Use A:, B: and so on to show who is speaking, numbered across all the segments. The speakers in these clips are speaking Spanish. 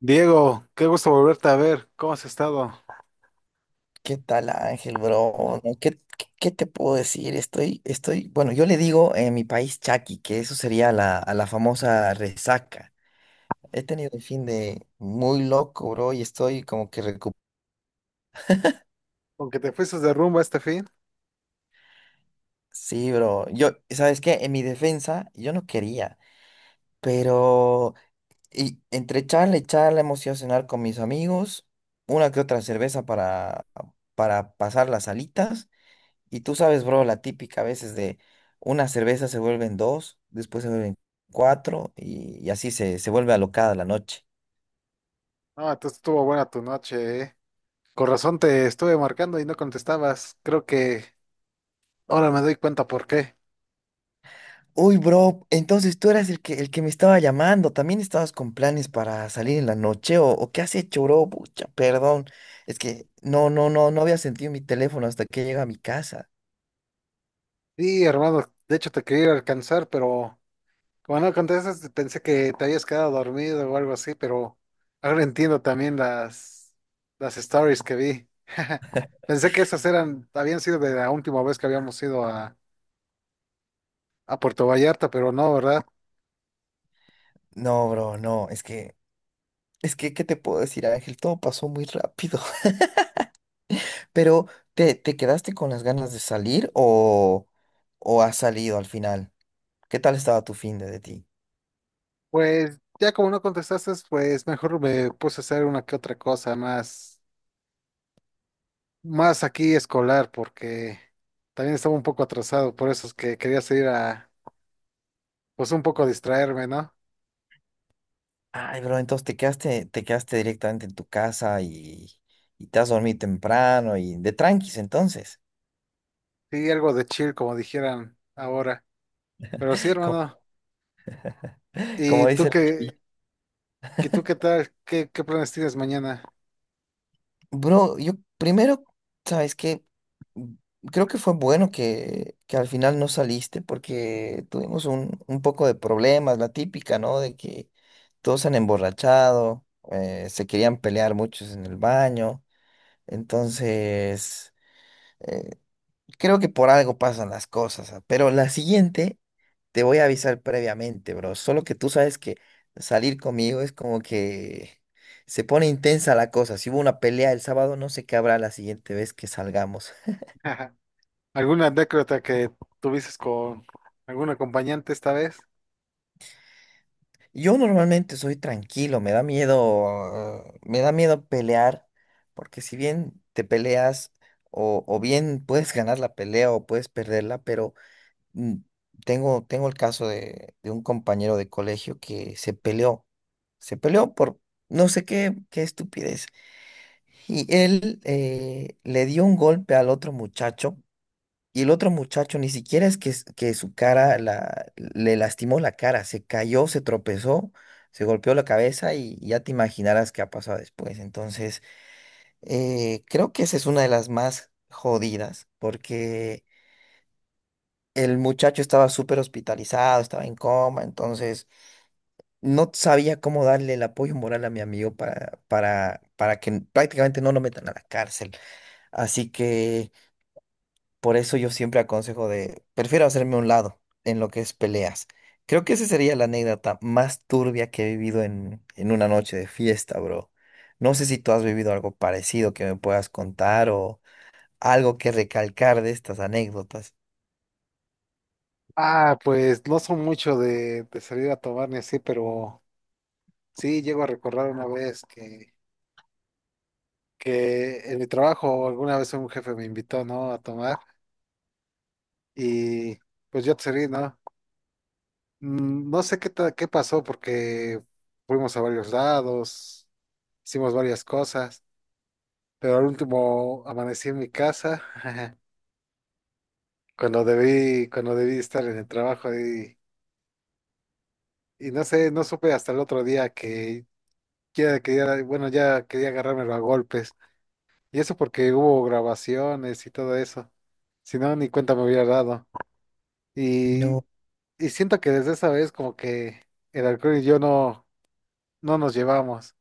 A: Diego, qué gusto volverte a ver. ¿Cómo has estado?
B: ¿Qué tal, Ángel, bro? No, ¿qué te puedo decir? Bueno, yo le digo en mi país chaki, que eso sería a la famosa resaca. He tenido un fin de muy loco, bro, y estoy como que recuperado.
A: Aunque te fuiste de rumba este fin.
B: Sí, bro. Yo, ¿sabes qué? En mi defensa, yo no quería, pero entre charla y charla hemos ido a cenar con mis amigos, una que otra cerveza para pasar las alitas. Y tú sabes, bro, la típica a veces de una cerveza se vuelven dos, después se vuelven cuatro y así se vuelve alocada la noche.
A: Ah, entonces estuvo buena tu noche, ¿eh? Con razón te estuve marcando y no contestabas. Creo que ahora me doy cuenta por qué.
B: Uy, bro, entonces tú eras el que me estaba llamando. ¿También estabas con planes para salir en la noche o qué has hecho, bro? Pucha, perdón. Es que no había sentido mi teléfono hasta que llega a mi casa.
A: Sí, hermano, de hecho te quería ir a alcanzar, pero como no contestas, pensé que te habías quedado dormido o algo así, pero ahora entiendo también las stories que vi. Pensé que esas eran, habían sido de la última vez que habíamos ido a Puerto Vallarta, pero no, ¿verdad?
B: No, bro, no, es que, ¿qué te puedo decir, Ángel? Todo pasó muy rápido. Pero, te quedaste con las ganas de salir o has salido al final? ¿Qué tal estaba tu fin de ti?
A: Pues ya como no contestaste, pues mejor me puse a hacer una que otra cosa más aquí escolar, porque también estaba un poco atrasado, por eso es que quería seguir a, pues un poco distraerme, ¿no?
B: Ay, bro, entonces te quedaste directamente en tu casa y te has dormido temprano y de tranquis entonces,
A: Sí, algo de chill, como dijeran ahora. Pero sí,
B: como,
A: hermano.
B: como
A: ¿Y tú
B: dice la chaviza.
A: qué, qué tú qué tal? Qué planes tienes mañana?
B: Bro, yo primero, ¿sabes qué? Mm, Creo que fue bueno que al final no saliste porque tuvimos un poco de problemas, la típica, ¿no? De que todos se han emborrachado, se querían pelear muchos en el baño, entonces... eh, Creo que por algo pasan las cosas. Ah, pero la siguiente te voy a avisar previamente, bro. Solo que tú sabes que salir conmigo es como que se pone intensa la cosa. Si hubo una pelea el sábado, no sé qué habrá la siguiente vez que salgamos.
A: ¿Alguna anécdota que tuvieses con algún acompañante esta vez?
B: Yo normalmente soy tranquilo, me da miedo pelear, porque si bien te peleas o bien puedes ganar la pelea o puedes perderla, pero mm, tengo el caso de un compañero de colegio que se peleó por no sé qué, qué estupidez. Y él le dio un golpe al otro muchacho y el otro muchacho ni siquiera es que, que su cara le lastimó la cara, se cayó, se tropezó, se golpeó la cabeza y ya te imaginarás qué ha pasado después. Entonces, creo que esa es una de las más jodidas porque... El muchacho estaba súper hospitalizado, estaba en coma, entonces no sabía cómo darle el apoyo moral a mi amigo para que prácticamente no lo metan a la cárcel. Así que por eso yo siempre aconsejo de, prefiero hacerme a un lado en lo que es peleas. Creo que esa sería la anécdota más turbia que he vivido en una noche de fiesta, bro. No sé si tú has vivido algo parecido que me puedas contar o algo que recalcar de estas anécdotas.
A: Ah, pues no son mucho de salir a tomar ni así, pero sí, llego a recordar una vez que en mi trabajo alguna vez un jefe me invitó, ¿no? A tomar y pues yo te accedí, ¿no? No sé qué pasó porque fuimos a varios lados, hicimos varias cosas, pero al último amanecí en mi casa cuando cuando debí estar en el trabajo y no sé, no supe hasta el otro día que ya quería, bueno, ya quería agarrármelo a golpes. Y eso porque hubo grabaciones y todo eso. Si no, ni cuenta me hubiera dado. Y,
B: No.
A: y siento que desde esa vez como que el alcohol y yo no nos llevamos,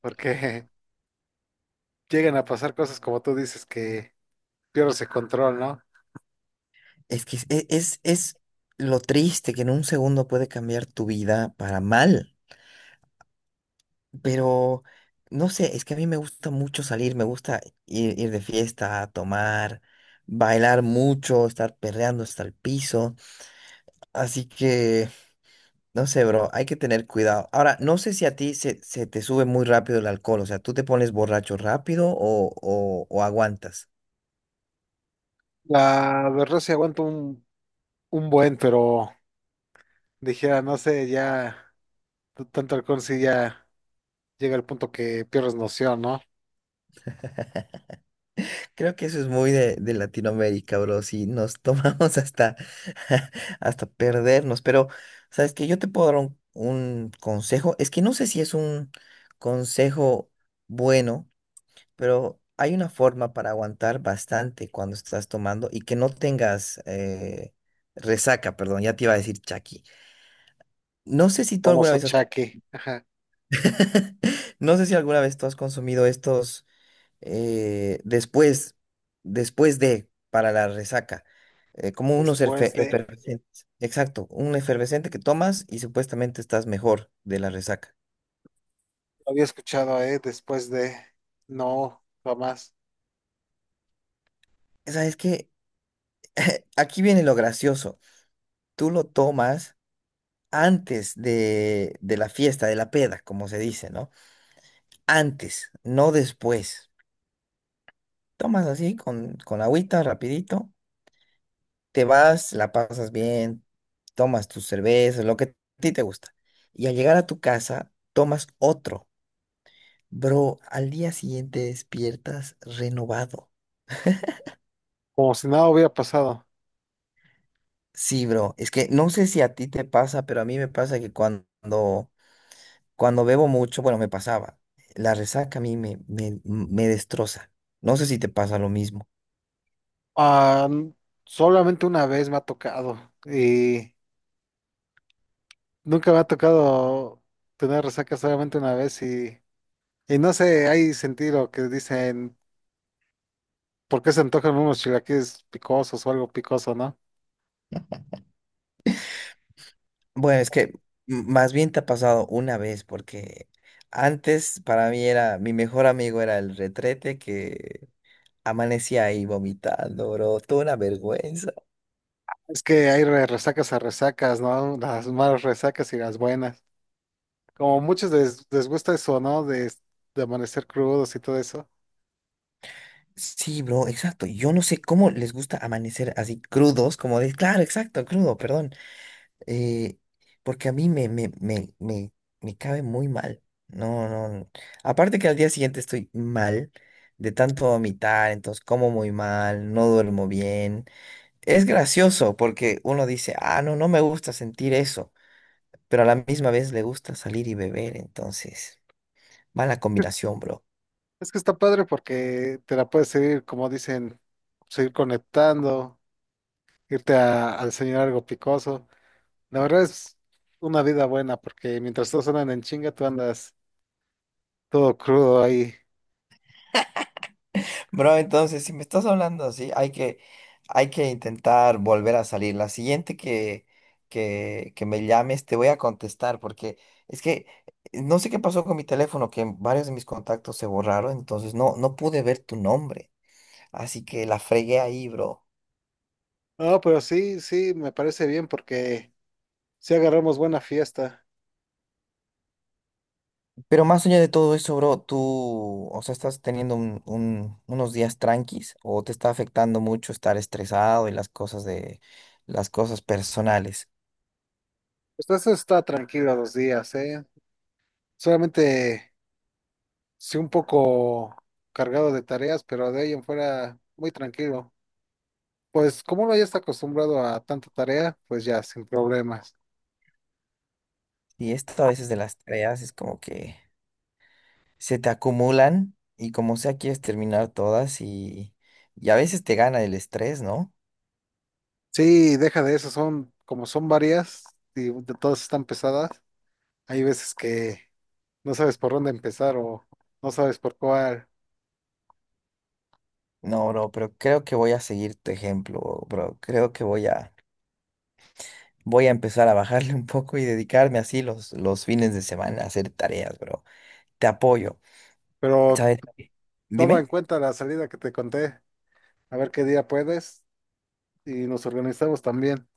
A: porque llegan a pasar cosas como tú dices que pierdes el control, ¿no?
B: Es que es lo triste que en un segundo puede cambiar tu vida para mal, pero no sé, es que a mí me gusta mucho salir, me gusta ir de fiesta, tomar, bailar mucho, estar perreando hasta el piso, así que no sé, bro, hay que tener cuidado. Ahora, no sé si a ti se te sube muy rápido el alcohol, o sea, ¿tú te pones borracho rápido o aguantas?
A: La verdad sí aguanto un buen, pero dijera, no sé, ya tanto alcohol sí ya llega al punto que pierdes noción, ¿no?
B: Creo que eso es muy de Latinoamérica, bro. Si nos tomamos hasta, hasta perdernos. Pero, ¿sabes que yo te puedo dar un consejo? Es que no sé si es un consejo bueno, pero hay una forma para aguantar bastante cuando estás tomando y que no tengas resaca, perdón, ya te iba a decir Chucky. No sé si tú alguna
A: Famoso
B: vez has...
A: chaque. Ajá.
B: No sé si alguna vez tú has consumido estos. eh, después, después de, para la resaca, como unos
A: Después de,
B: efervescentes. Exacto, un efervescente que tomas y supuestamente estás mejor de la resaca.
A: lo había escuchado, ¿eh? Después de, no, jamás.
B: ¿Sabes que aquí viene lo gracioso? Tú lo tomas antes de la fiesta, de la peda, como se dice, ¿no? Antes, no después. Tomas así con agüita, rapidito. Te vas, la pasas bien, tomas tus cervezas, lo que a ti te gusta. Y al llegar a tu casa, tomas otro. Bro, al día siguiente despiertas renovado.
A: Como si nada hubiera pasado.
B: Sí, bro, es que no sé si a ti te pasa, pero a mí me pasa que cuando bebo mucho, bueno, me pasaba, la resaca a mí me destroza. No sé si te pasa lo mismo.
A: Ah, solamente una vez me ha tocado y nunca me ha tocado tener resaca solamente una vez y no sé, hay sentido que dicen, ¿por qué se antojan unos chilaquiles picosos o algo picoso, no?
B: Bueno, es que más bien te ha pasado una vez, porque antes para mí era, mi mejor amigo era el retrete que amanecí ahí vomitando, bro. Toda una vergüenza.
A: Es que hay resacas a resacas, ¿no? Las malas resacas y las buenas. Como muchos les gusta eso, ¿no? De amanecer crudos y todo eso.
B: Sí, bro, exacto. Yo no sé cómo les gusta amanecer así crudos, como de, claro, exacto, crudo, perdón. Eh, porque a mí me cabe muy mal. No, no, no. Aparte que al día siguiente estoy mal de tanto vomitar, entonces como muy mal, no duermo bien. Es gracioso porque uno dice, ah, no, no me gusta sentir eso, pero a la misma vez le gusta salir y beber, entonces, mala combinación, bro.
A: Es que está padre porque te la puedes seguir, como dicen, seguir conectando, irte a desayunar algo picoso. La verdad es una vida buena porque mientras todos andan en chinga, tú andas todo crudo ahí.
B: Bro, entonces, si me estás hablando así, hay que intentar volver a salir. La siguiente que me llames, te voy a contestar, porque es que no sé qué pasó con mi teléfono, que varios de mis contactos se borraron, entonces no, no pude ver tu nombre. Así que la fregué ahí, bro.
A: No, pero sí, sí, me parece bien porque si agarramos buena fiesta.
B: Pero más allá de todo eso, bro, tú, o sea, estás teniendo unos días tranquis, o te está afectando mucho estar estresado y las cosas de, las cosas personales.
A: Pues eso está tranquilo los días, ¿eh? Solamente sí un poco cargado de tareas, pero de ahí en fuera muy tranquilo. Pues como uno ya está acostumbrado a tanta tarea, pues ya, sin problemas.
B: Y esto a veces de las tareas es como que se te acumulan y como sea quieres terminar todas y a veces te gana el estrés, ¿no?
A: Sí, deja de eso, son como son varias y de todas están pesadas. Hay veces que no sabes por dónde empezar o no sabes por cuál,
B: No, bro, pero creo que voy a seguir tu ejemplo, bro. Creo que voy a empezar a bajarle un poco y dedicarme así los fines de semana a hacer tareas, bro. Te apoyo.
A: pero
B: ¿Sabes?
A: toma en
B: Dime.
A: cuenta la salida que te conté, a ver qué día puedes y nos organizamos también.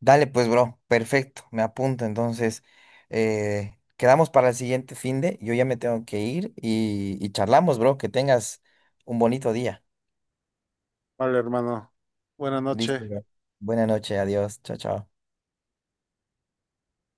B: Dale pues, bro, perfecto, me apunto. Entonces, quedamos para el siguiente fin de, yo ya me tengo que ir y charlamos, bro, que tengas un bonito día.
A: Vale, hermano. Buenas noches.
B: Listo, bro. Buena noche, adiós, chao, chao.